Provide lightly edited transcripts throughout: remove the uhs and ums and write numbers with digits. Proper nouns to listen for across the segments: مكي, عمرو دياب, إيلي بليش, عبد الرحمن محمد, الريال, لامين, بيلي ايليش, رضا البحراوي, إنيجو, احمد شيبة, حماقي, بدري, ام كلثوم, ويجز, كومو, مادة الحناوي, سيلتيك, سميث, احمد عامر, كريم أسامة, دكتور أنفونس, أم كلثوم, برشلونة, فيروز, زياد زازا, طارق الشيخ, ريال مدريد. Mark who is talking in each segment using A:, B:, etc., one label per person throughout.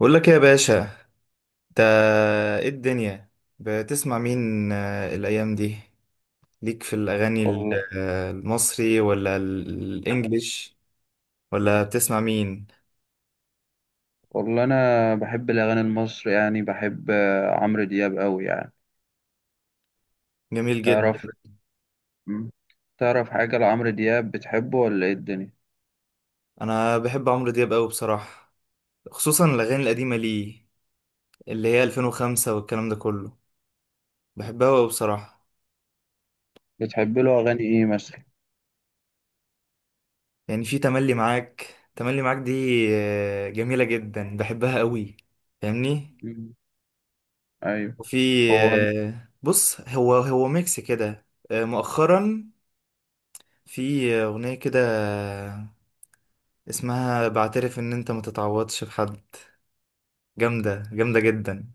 A: بقول لك ايه يا باشا. انت، ايه الدنيا؟ بتسمع مين الايام دي؟ ليك في الاغاني ال-
B: والله
A: آه، المصري ولا الانجليش؟ ولا بتسمع مين؟
B: والله انا بحب الاغاني المصري يعني بحب عمرو دياب قوي يعني
A: جميل جدا.
B: تعرف. مم. تعرف حاجه لعمرو دياب بتحبه ولا ايه الدنيا؟
A: انا بحب عمرو دياب قوي بصراحة، خصوصا الاغاني القديمة ليه، اللي هي 2005 والكلام ده كله. بحبها قوي بصراحة.
B: بتحب له اغاني ايه مثلا؟
A: يعني في تملي معاك، تملي معاك دي جميلة جدا، بحبها قوي. فاهمني؟
B: مم. ايوه.
A: وفي
B: هو
A: بص، هو ميكس كده مؤخرا، في أغنية كده اسمها بعترف إن أنت ما تتعوضش في حد. جامدة، جامدة جدا.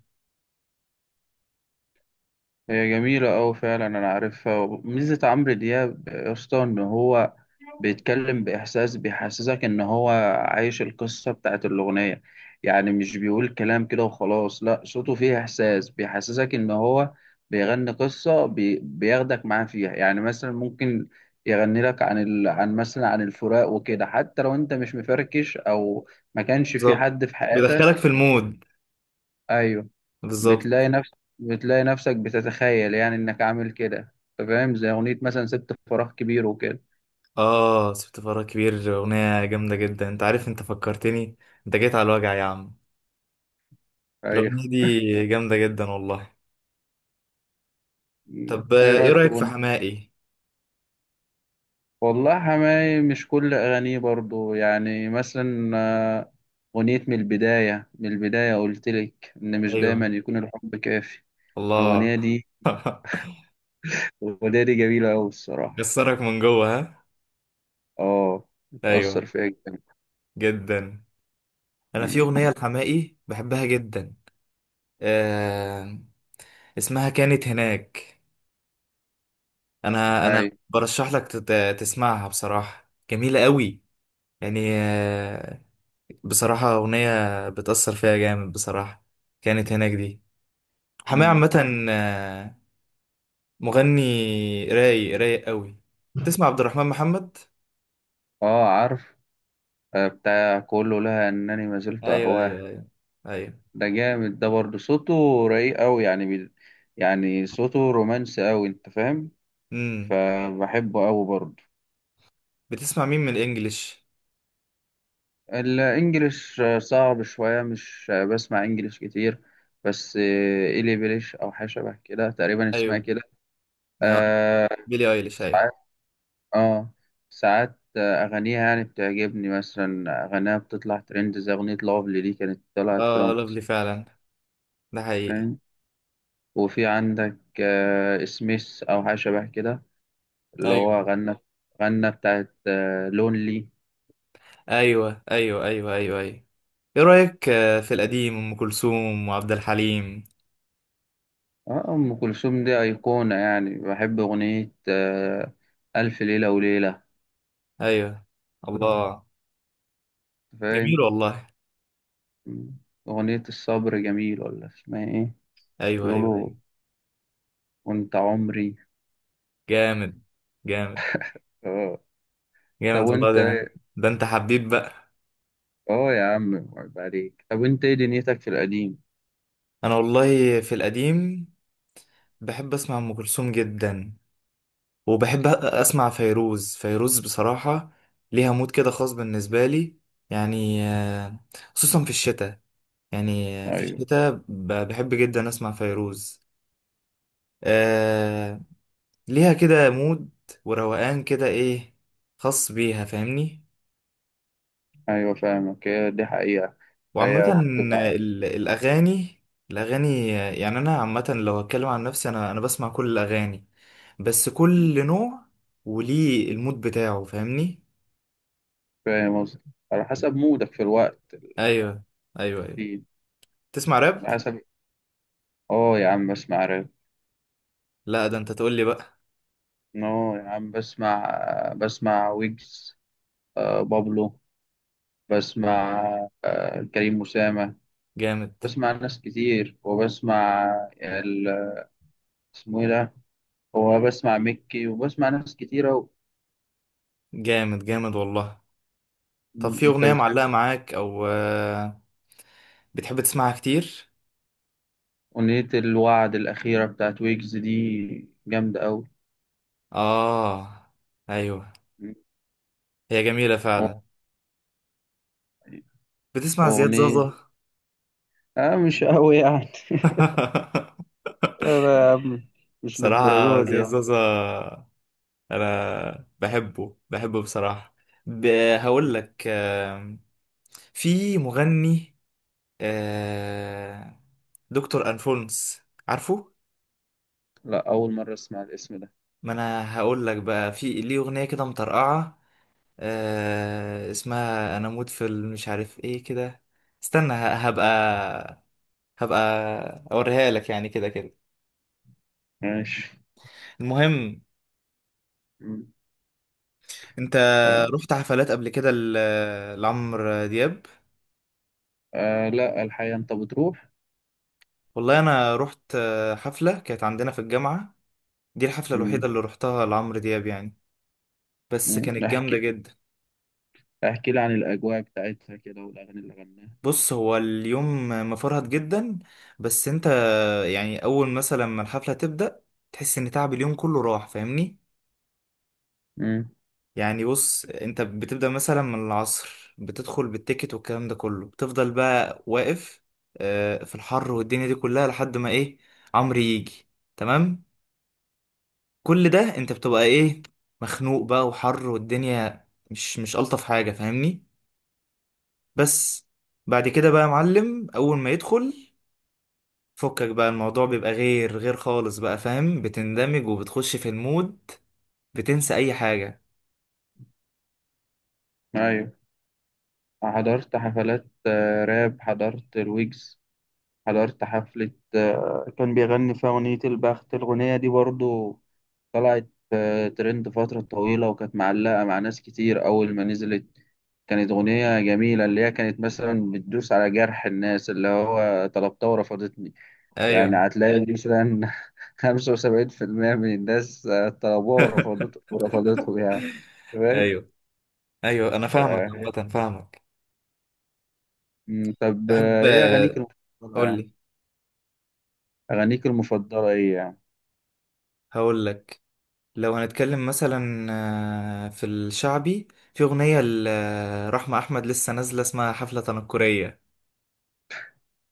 B: هي جميلة أوي فعلا، أنا عارفها. ميزة عمرو دياب يا اسطى إن هو بيتكلم بإحساس، بيحسسك إن هو عايش القصة بتاعت الأغنية، يعني مش بيقول كلام كده وخلاص، لأ صوته فيه إحساس بيحسسك إن هو بيغني قصة بياخدك معاه فيها. يعني مثلا ممكن يغني لك عن عن مثلا عن الفراق وكده، حتى لو أنت مش مفركش أو ما كانش في
A: بالظبط،
B: حد في
A: بيدخلك
B: حياتك.
A: في المود.
B: أيوه.
A: بالظبط.
B: بتلاقي نفسك بتتخيل يعني انك عامل كده، انت فاهم، زي اغنية مثلا سبت فراغ كبير وكده.
A: آه، سبت فراغ كبير أغنية جامدة جدا. أنت عارف، أنت فكرتني، أنت جيت على الوجع يا عم.
B: ايوه.
A: الأغنية دي جامدة جدا والله.
B: م.
A: طب
B: ايه
A: إيه
B: رأيك في
A: رأيك في
B: اغنية؟
A: حماقي؟
B: والله حماي مش كل اغانيه برضو، يعني مثلا، آه، اغنية من البداية قلت لك ان مش دايما
A: أيوه،
B: يكون الحب كافي. الاغنية
A: الله.
B: دي، الاغنية دي جميلة اوي الصراحة.
A: كسرك من جوه ها؟
B: اه
A: أيوه،
B: متأثر فيها جدا.
A: جدا. انا في
B: مم.
A: اغنيه لحماقي بحبها جدا، آه، اسمها كانت هناك. انا
B: ايوه.
A: برشح لك تسمعها، بصراحه جميله قوي، يعني آه. بصراحه اغنيه بتاثر فيها جامد بصراحه، كانت هناك دي. حماقي
B: مم.
A: عامه آه، مغني رايق، رايق قوي. تسمع عبد الرحمن محمد؟
B: اه عارف، بتاع كله لها انني ما زلت
A: ايوه
B: اهواه.
A: ايوه ايوه ايوه.
B: ده جامد، ده برضه صوته رايق أوي يعني يعني صوته رومانسي أوي أنت فاهم،
A: امم،
B: فبحبه أوي برضه.
A: بتسمع مين من الانجليش؟
B: الإنجليش صعب شوية، مش بسمع إنجليش كتير، بس إيلي بليش أو حاجة شبه كده تقريبا اسمها
A: ايوه،
B: كده.
A: آه،
B: آه،
A: بيلي ايليش، ايوه.
B: ساعات، آه ساعات أغانيها يعني بتعجبني، مثلا أغانيها بتطلع ترند زي أغنية لافلي دي كانت طلعت كده
A: اه
B: ومكسرة،
A: لوفلي فعلا، ده حقيقي.
B: فاهم. وفي عندك سميث أو حاجة شبه كده، اللي هو
A: ايوه
B: غنى، غنى بتاعت لونلي.
A: ايوه ايوه ايوه ايوه ايوه، ايه رأيك في القديم، ام كلثوم وعبد الحليم؟
B: اه أم كلثوم دي أيقونة، يعني بحب أغنية ألف ليلة وليلة،
A: ايوه، الله، جميل
B: فاهم.
A: والله.
B: أغنية الصبر جميل ولا اسمها إيه؟
A: ايوه ايوه
B: بيقولوا
A: ايوه،
B: وأنت عمري.
A: جامد جامد
B: اه. طب
A: جامد والله
B: وأنت؟
A: ده. ده انت حبيب بقى.
B: اه يا عم عيب عليك، طب وأنت إيه دنيتك في القديم؟
A: انا والله في القديم بحب اسمع ام كلثوم جدا، وبحب اسمع فيروز. فيروز بصراحة ليها مود كده خاص بالنسبة لي، يعني خصوصا في الشتاء. يعني في
B: أيوه.
A: الشتاء بحب جدا اسمع فيروز. آه، ليها كده مود وروقان كده ايه، خاص بيها. فاهمني؟
B: أيوه فاهمك، هي دي حقيقة. هي
A: وعامة،
B: بتبقى
A: الأغاني، الأغاني يعني أنا عامة، لو هتكلم عن نفسي، أنا بسمع كل الأغاني، بس كل نوع وليه المود بتاعه. فاهمني؟
B: فاهم قصدي، على حسب مودك في الوقت.
A: أيوه، أيوه أيوه. تسمع راب؟
B: على حسب. اه يا عم بسمع راب.
A: لا ده أنت تقول لي بقى.
B: نو يا عم، بسمع، بسمع ويجز، بابلو، بسمع كريم أسامة،
A: جامد
B: بسمع ناس كتير وبسمع ال- اسمه ايه ده، هو بسمع مكي وبسمع ناس كتيرة
A: جامد جامد والله. طب في
B: انت
A: أغنية
B: بتحب؟
A: معلقة معاك أو بتحب تسمعها كتير؟
B: أغنية الوعد الأخيرة بتاعت ويجز دي جامدة أوي.
A: آه، أيوه،
B: م.
A: هي جميلة فعلا.
B: و-
A: بتسمع زياد
B: وأغنية،
A: زازا؟
B: آه مش أوي يعني. لا يا عم، مش
A: صراحة
B: للدرجة دي
A: زياد
B: يعني.
A: زازا أنا بحبه، بحبه بصراحة. ب...
B: م.
A: هقول لك في مغني آه، دكتور أنفونس، عارفه؟
B: لا، أول مرة أسمع الاسم ده.
A: ما أنا هقول لك بقى، في ليه أغنية كده مطرقعة اسمها أنا أموت في مش عارف إيه كده. استنى، هبقى أوريها لك يعني، كده كده.
B: ماشي.
A: المهم،
B: م.
A: انت
B: آه.
A: رحت حفلات قبل كده لعمرو دياب؟
B: آه لا الحقيقة، أنت بتروح؟
A: والله انا رحت حفلة كانت عندنا في الجامعة. دي الحفلة
B: مم.
A: الوحيدة اللي رحتها لعمرو دياب يعني، بس
B: مم.
A: كانت جامدة
B: احكي،
A: جدا.
B: احكي لي عن الأجواء بتاعتها كده والأغاني اللي غناها.
A: بص هو اليوم مفرهد جدا، بس انت يعني اول مثلا ما الحفلة تبدأ تحس ان تعب اليوم كله راح. فاهمني؟
B: مم.
A: يعني بص، انت بتبدأ مثلا من العصر، بتدخل بالتيكت والكلام ده كله، بتفضل بقى واقف في الحر والدنيا دي كلها، لحد ما ايه، عمرو يجي. تمام، كل ده انت بتبقى ايه، مخنوق بقى وحر، والدنيا مش الطف حاجه. فاهمني؟ بس بعد كده بقى يا معلم، اول ما يدخل فكك بقى الموضوع بيبقى غير خالص بقى. فاهم؟ بتندمج وبتخش في المود، بتنسى اي حاجه.
B: أيوة حضرت حفلات راب، حضرت الويجز، حضرت حفلة كان بيغني فيها أغنية البخت. الأغنية دي برضو طلعت ترند فترة طويلة وكانت معلقة مع ناس كتير أول ما نزلت. كانت أغنية جميلة، اللي هي كانت مثلا بتدوس على جرح الناس، اللي هو طلبتها ورفضتني. يعني
A: ايوه
B: هتلاقي مثلا 75% من الناس طلبوها ورفضته يعني. تمام.
A: ايوه ايوه، انا فاهمك،
B: ف-
A: عامة فاهمك.
B: مم، طب
A: تحب
B: ايه اغانيك المفضله
A: قول
B: يعني؟
A: لي.
B: اغانيك المفضله ايه يعني؟
A: هقول لك، لو هنتكلم مثلا في الشعبي، في اغنيه لرحمه احمد لسه نازله اسمها حفله تنكريه،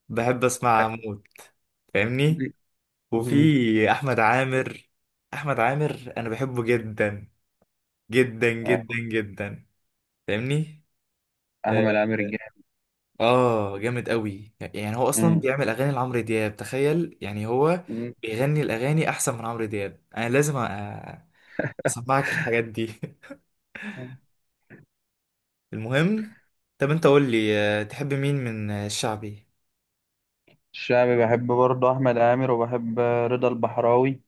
A: بحب اسمع موت. فاهمني؟ وفي
B: مم.
A: احمد عامر. احمد عامر انا بحبه جدا جدا جدا
B: آه،
A: جدا. فاهمني؟ اه.
B: احمد عامر الجامل.
A: جامد قوي يعني، هو اصلا
B: مم.
A: بيعمل اغاني لعمرو دياب، تخيل يعني، هو
B: مم.
A: بيغني الاغاني احسن من عمرو دياب. انا لازم اسمعك الحاجات دي. المهم، طب انت قول لي تحب مين من الشعبي؟
B: الشعبي بحب برضه احمد عامر، وبحب رضا البحراوي،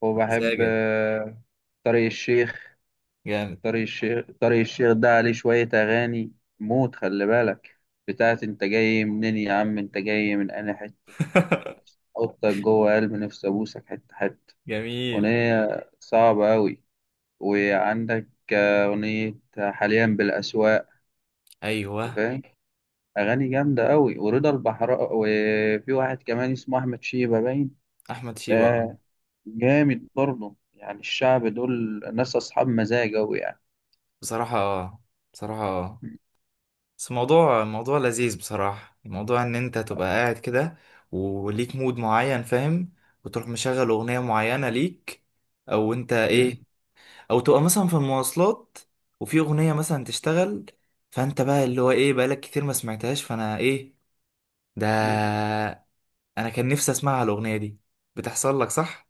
B: وبحب
A: مزاجك
B: طارق الشيخ.
A: جامد.
B: طارق الشيخ ده عليه شوية أغاني موت، خلي بالك، بتاعت أنت جاي منين يا عم، أنت جاي من أنا حتة، حطك جوه قلب نفسي أبوسك حتة حتة.
A: جميل،
B: أغنية صعبة أوي. وعندك أغنية حاليا بالأسواق أنت
A: ايوه،
B: فاهم، أغاني جامدة أوي. ورضا البحراء، وفي واحد كمان اسمه أحمد شيبة باين،
A: احمد
B: ده
A: شيبة.
B: جامد برضه، يعني الشعب دول ناس أصحاب مزاج أوي يعني.
A: بصراحة بصراحة بس الموضوع موضوع لذيذ بصراحة، موضوع ان انت تبقى قاعد كده وليك مود معين. فاهم؟ وتروح مشغل اغنية معينة ليك، او انت ايه، او تبقى مثلا في المواصلات وفي اغنية مثلا تشتغل، فانت بقى اللي هو ايه، بقالك كتير ما سمعتهاش، فانا ايه ده، انا كان نفسي اسمعها الاغنية دي. بتحصل لك صح؟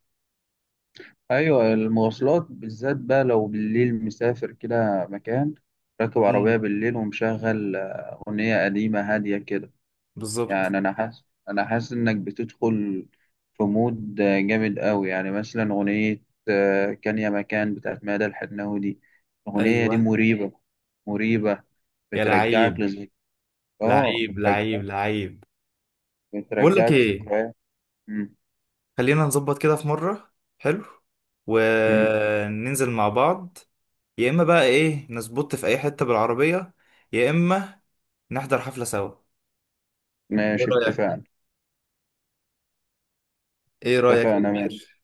B: ايوه، المواصلات بالذات بقى، لو بالليل مسافر كده مكان، راكب عربية
A: امم،
B: بالليل ومشغل أغنية قديمة هادية كده،
A: بالظبط.
B: يعني أنا حاسس، أنا حاسس إنك بتدخل في مود جامد قوي. يعني مثلا أغنية كان يا مكان بتاعت مادة الحناوي دي، الأغنية دي
A: ايوه،
B: مريبة، مريبة،
A: يا
B: بترجعك
A: لعيب،
B: لذك، آه
A: لعيب لعيب
B: بترجعك،
A: لعيب. بقول لك
B: بترجعك
A: ايه،
B: ذكريات. مم،
A: خلينا نظبط كده في مرة، حلو،
B: مم.
A: وننزل مع بعض. يا إما بقى إيه، نظبط في أي حتة بالعربية، يا إما نحضر حفلة سوا. إيه
B: ماشي
A: رأيك؟
B: اتفقنا.
A: إيه رأيك يا
B: اتفقنا ماشي.
A: كبير؟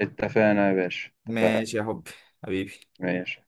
B: اتفقنا يا باشا اتفقنا.
A: ماشي يا حبي، حبيبي.
B: ماشي.